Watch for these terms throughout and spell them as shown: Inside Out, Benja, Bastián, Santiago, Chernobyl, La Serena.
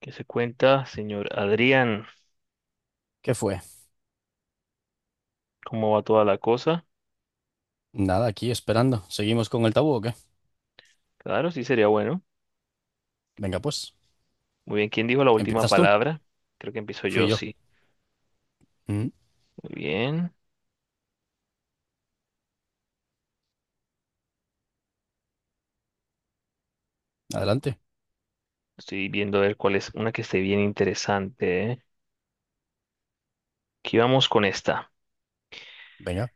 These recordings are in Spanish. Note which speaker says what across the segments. Speaker 1: ¿Qué se cuenta, señor Adrián?
Speaker 2: ¿Qué fue?
Speaker 1: ¿Cómo va toda la cosa?
Speaker 2: Nada, aquí esperando. ¿Seguimos con el tabú o qué?
Speaker 1: Claro, sí sería bueno.
Speaker 2: Venga, pues,
Speaker 1: Muy bien, ¿quién dijo la última
Speaker 2: empiezas tú.
Speaker 1: palabra? Creo que empiezo
Speaker 2: Fui
Speaker 1: yo,
Speaker 2: yo.
Speaker 1: sí.
Speaker 2: Mm,
Speaker 1: Muy bien.
Speaker 2: adelante.
Speaker 1: Estoy viendo a ver cuál es una que esté bien interesante, ¿eh? Aquí vamos con esta.
Speaker 2: Venga,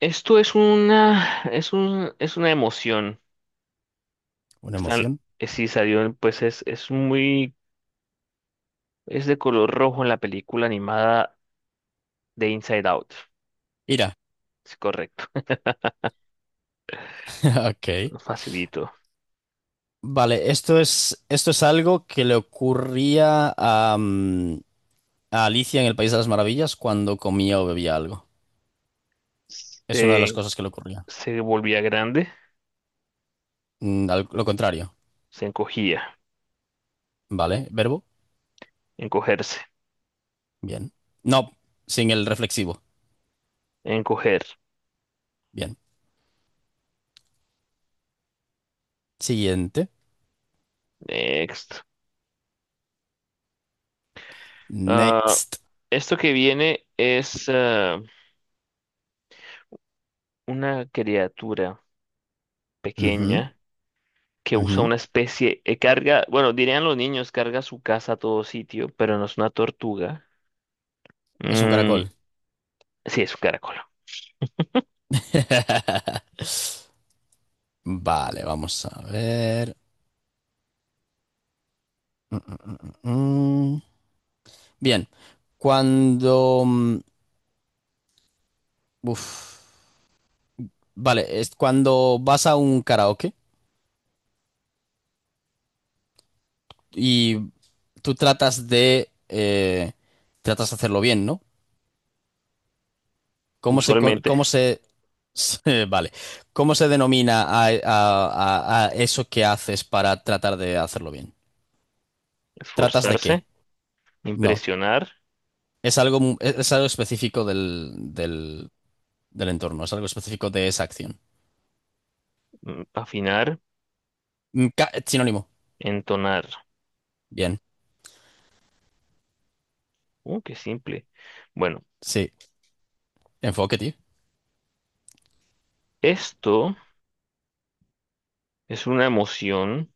Speaker 1: Esto es una, es un, es una emoción.
Speaker 2: una
Speaker 1: Está,
Speaker 2: emoción.
Speaker 1: sí salió, en- pues es muy, Es de color rojo en la película animada de Inside Out.
Speaker 2: Ira.
Speaker 1: Es correcto,
Speaker 2: Ok.
Speaker 1: facilito.
Speaker 2: Vale, esto es algo que le ocurría a, a Alicia en el País de las Maravillas cuando comía o bebía algo. Es una de las
Speaker 1: Se,
Speaker 2: cosas que le ocurría.
Speaker 1: se volvía grande,
Speaker 2: Al- lo contrario.
Speaker 1: se encogía.
Speaker 2: Vale, verbo.
Speaker 1: Encogerse.
Speaker 2: Bien. No, sin el reflexivo.
Speaker 1: Encoger.
Speaker 2: Bien. Siguiente.
Speaker 1: Next. Ah,
Speaker 2: Next.
Speaker 1: esto que viene es ah, Una criatura
Speaker 2: Ujú,
Speaker 1: pequeña que usa
Speaker 2: ujú.
Speaker 1: una especie, carga, bueno, dirían los niños, carga su casa a todo sitio, pero no es una tortuga.
Speaker 2: Es un
Speaker 1: Mm,
Speaker 2: caracol.
Speaker 1: sí, es un caracol.
Speaker 2: Vale, vamos a ver. Mm, mm, mm, mm. Bien, cuando... mm, uf. Vale, es cuando vas a un karaoke y tú tratas de tratas de hacerlo bien, ¿no? ¿Cómo se... con-
Speaker 1: Usualmente,
Speaker 2: cómo se... Vale, ¿cómo se denomina a eso que haces para tratar de hacerlo bien? ¿Tratas de qué?
Speaker 1: esforzarse,
Speaker 2: No,
Speaker 1: impresionar,
Speaker 2: es algo, mu- es algo específico del entorno, es algo específico de esa acción.
Speaker 1: afinar,
Speaker 2: Ca- sinónimo.
Speaker 1: entonar.
Speaker 2: Bien.
Speaker 1: Qué simple. Bueno,
Speaker 2: Sí. Enfoque, tío.
Speaker 1: esto es una emoción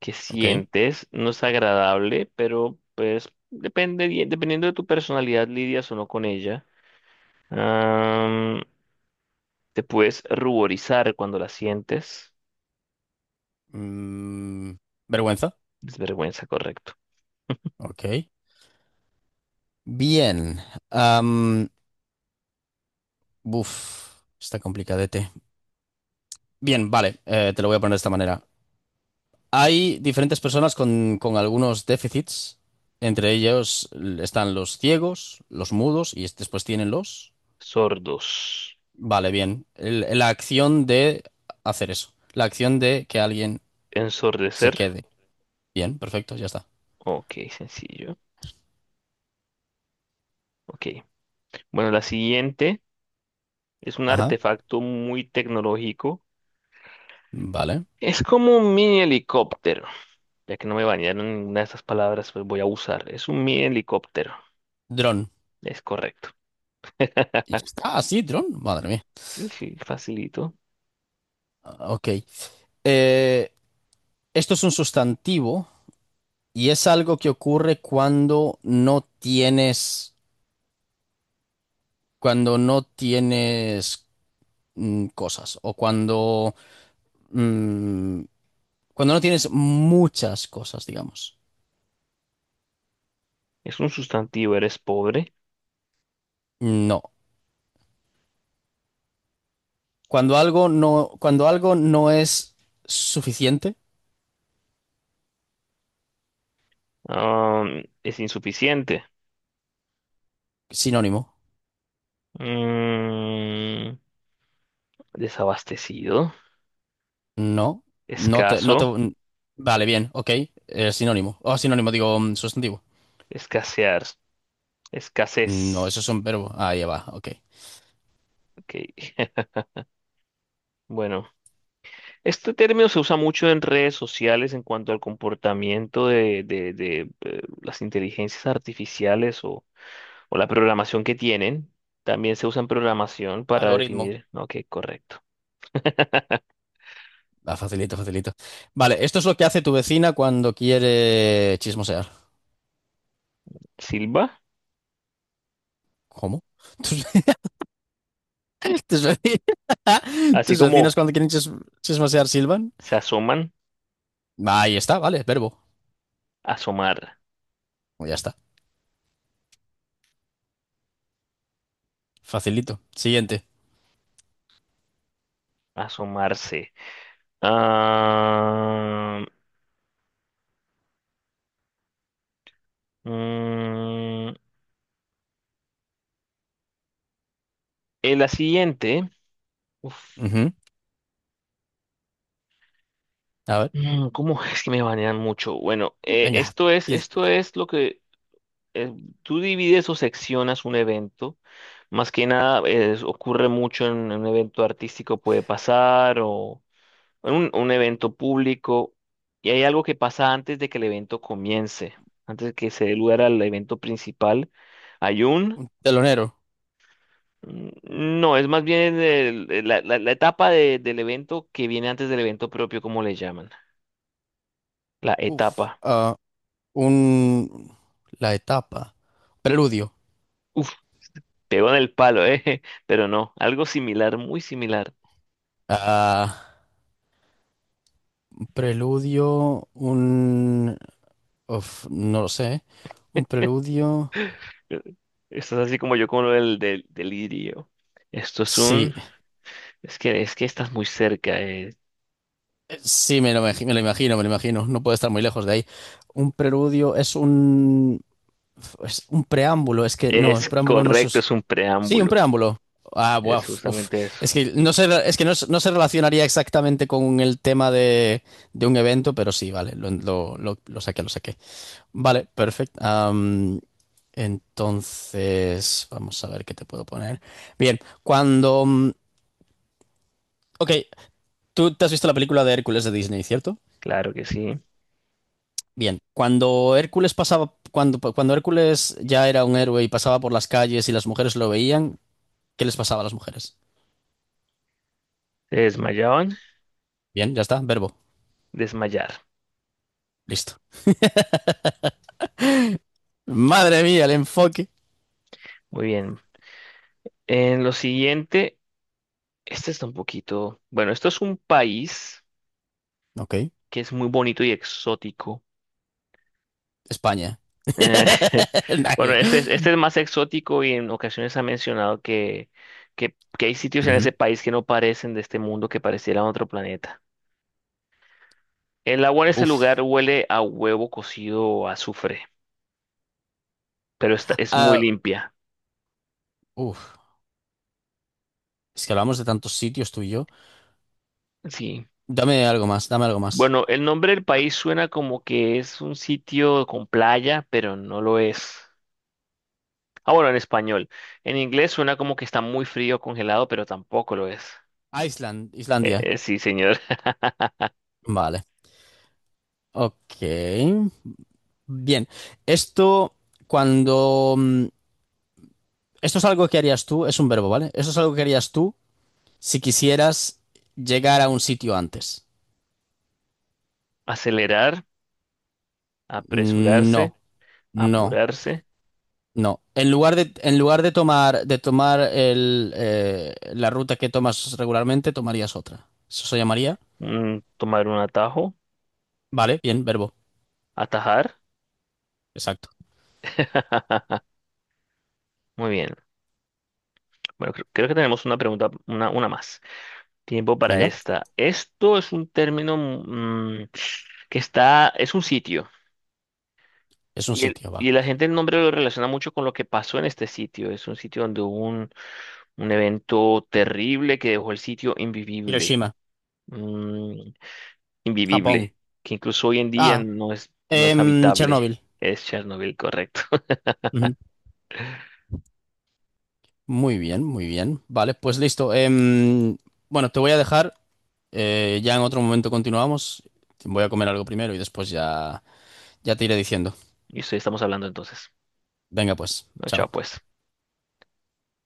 Speaker 1: que
Speaker 2: Ok.
Speaker 1: sientes no es agradable, pero pues depende, dependiendo de tu personalidad lidias o no con ella. Am, Te puedes ruborizar cuando la sientes.
Speaker 2: Mm, vergüenza.
Speaker 1: Desvergüenza, correcto.
Speaker 2: Ok. Bien. Am, buf, está complicadete. Bien, vale. Eh, te lo voy a poner de esta manera. Hay diferentes personas con algunos déficits. Entre ellos l- están los ciegos, los mudos y es- después tienen los...
Speaker 1: Sordos.
Speaker 2: Vale, bien. El- la acción de hacer eso. La acción de que alguien se
Speaker 1: Ensordecer.
Speaker 2: quede. Bien, perfecto, ya está.
Speaker 1: Ok, sencillo. Ok. Bueno, la siguiente es un
Speaker 2: Ajá,
Speaker 1: artefacto muy tecnológico.
Speaker 2: vale.
Speaker 1: Es como un mini helicóptero. Ya que no me bañaron ninguna de estas palabras, pues voy a usar. Es un mini helicóptero.
Speaker 2: Dron.
Speaker 1: Es correcto.
Speaker 2: Y ya está, así, dron. Madre mía.
Speaker 1: Sí, sí, facilito.
Speaker 2: Ah, Ok. Eh, esto es un sustantivo y es algo que ocurre cuando no tienes cosas o mm, cuando no tienes muchas cosas, digamos.
Speaker 1: Es un sustantivo, eres pobre.
Speaker 2: No. Cuando algo no, cuando algo no es suficiente,
Speaker 1: Es insuficiente.
Speaker 2: sinónimo.
Speaker 1: Mm, Desabastecido.
Speaker 2: No, no te, no te.
Speaker 1: Escaso.
Speaker 2: Vale, bien, ok. Sinónimo. Oh, sinónimo, digo sustantivo.
Speaker 1: Escasear.
Speaker 2: No,
Speaker 1: Escasez.
Speaker 2: esos son verbos. Ahí va, ok.
Speaker 1: Ok. Bueno, este término se usa mucho en redes sociales en cuanto al comportamiento de, las inteligencias artificiales o la programación que tienen. También se usa en programación para
Speaker 2: Algoritmo.
Speaker 1: definir. Ok, correcto.
Speaker 2: Ah, facilito, facilito. Vale, esto es lo que hace tu vecina cuando quiere chismosear.
Speaker 1: Silva.
Speaker 2: ¿Cómo? ¿Tus, tus veci-
Speaker 1: Así
Speaker 2: tus
Speaker 1: como
Speaker 2: vecinas cuando quieren chis- chismosear silban?
Speaker 1: se asoman,
Speaker 2: Ahí está, vale, verbo.
Speaker 1: asomar.
Speaker 2: Ya está. Facilito. Siguiente.
Speaker 1: Asomarse. Ah, mm, en la siguiente. Uf,
Speaker 2: Ujú. A ver,
Speaker 1: ¿Cómo es que me banean mucho? Bueno,
Speaker 2: venga. Pies-
Speaker 1: esto es lo que eh, tú divides o seccionas un evento. Más que nada, ocurre mucho en un evento artístico, puede pasar, o en un evento público. Y hay algo que pasa antes de que el evento comience, antes de que se dé lugar al evento principal. Hay un.
Speaker 2: Telonero.
Speaker 1: Mm. No, es más bien la etapa del evento que viene antes del evento propio, como le llaman. La
Speaker 2: Uf.
Speaker 1: etapa.
Speaker 2: Ah, un... La etapa. Preludio.
Speaker 1: Uf, pegó en el palo, ¿eh? Pero no, algo similar, muy similar.
Speaker 2: Ah, un preludio, un... uf, no lo sé. Un preludio...
Speaker 1: Eh, Esto es así como yo con lo del delirio. Esto es
Speaker 2: Sí,
Speaker 1: un... es que estás muy cerca.
Speaker 2: sí, me lo imagino, me lo imagino. No puede estar muy lejos de ahí. Un preludio es un... Es un preámbulo, es que no, el
Speaker 1: Es
Speaker 2: preámbulo no se...
Speaker 1: correcto, es un
Speaker 2: Sí, un
Speaker 1: preámbulo.
Speaker 2: preámbulo. Ah, buah,
Speaker 1: Es
Speaker 2: uf, uf.
Speaker 1: justamente eso.
Speaker 2: Es que no se, es que no, se no se relacionaría exactamente con el tema de un evento, pero sí, vale, lo saqué, lo saqué. Vale, perfecto. Am, entonces, vamos a ver qué te puedo poner. Bien, Ok, tú te has visto la película de Hércules de Disney, ¿cierto?
Speaker 1: Claro que sí.
Speaker 2: Bien, cuando Hércules pasaba, cuando Hércules ya era un héroe y pasaba por las calles y las mujeres lo veían, ¿qué les pasaba a las mujeres?
Speaker 1: Se desmayaban,
Speaker 2: Bien, ya está, verbo,
Speaker 1: desmayar.
Speaker 2: listo. Madre mía, el enfoque.
Speaker 1: Muy bien. En lo siguiente... Este está un poquito. Bueno, esto es un país
Speaker 2: Ok,
Speaker 1: que es muy bonito y exótico.
Speaker 2: España.
Speaker 1: Eh, bueno,
Speaker 2: Nadie.
Speaker 1: este es más exótico y en ocasiones ha mencionado que hay sitios en
Speaker 2: Ujú.
Speaker 1: ese país que no parecen de este mundo, que parecieran otro planeta. El agua en este lugar
Speaker 2: Buf.
Speaker 1: huele a huevo cocido o azufre, pero está, es muy
Speaker 2: Ah,
Speaker 1: limpia.
Speaker 2: uf. Es que hablamos de tantos sitios tú y yo.
Speaker 1: Sí.
Speaker 2: Dame algo más, dame algo más.
Speaker 1: Bueno, el nombre del país suena como que es un sitio con playa, pero no lo es. Ah, bueno, en español. En inglés suena como que está muy frío, congelado, pero tampoco lo es.
Speaker 2: Ah, Island, Islandia.
Speaker 1: Sí, señor.
Speaker 2: Vale. Ok. Bien. Esto, cuando... mm, esto es algo que harías tú, es un verbo, ¿vale? Esto es algo que harías tú si quisieras llegar a un sitio antes.
Speaker 1: Acelerar, apresurarse,
Speaker 2: No, no,
Speaker 1: apurarse,
Speaker 2: no. En lugar de tomar el, la ruta que tomas regularmente, tomarías otra. Eso se llamaría.
Speaker 1: tomar un atajo,
Speaker 2: Vale, bien, verbo.
Speaker 1: atajar.
Speaker 2: Exacto.
Speaker 1: Muy bien. Bueno, creo que tenemos una pregunta, una más. Tiempo para
Speaker 2: Venga,
Speaker 1: esta. Esto es un término que está, es un sitio.
Speaker 2: es un
Speaker 1: Y,
Speaker 2: sitio, va.
Speaker 1: y la gente el nombre lo relaciona mucho con lo que pasó en este sitio. Es un sitio donde hubo un. Un evento terrible que dejó el sitio invivible.
Speaker 2: Hiroshima,
Speaker 1: mm,
Speaker 2: Japón.
Speaker 1: Invivible. Que incluso hoy en día
Speaker 2: Ah,
Speaker 1: no es, no es
Speaker 2: em,
Speaker 1: habitable.
Speaker 2: Chernobyl.
Speaker 1: Es Chernobyl, correcto.
Speaker 2: Ujú. Muy bien, muy bien. Vale, pues listo. Em, bueno, te voy a dejar. Eh, ya en otro momento continuamos. Voy a comer algo primero y después ya, ya te iré diciendo.
Speaker 1: Y eso estamos hablando entonces.
Speaker 2: Venga, pues,
Speaker 1: No, chao,
Speaker 2: chao.
Speaker 1: pues.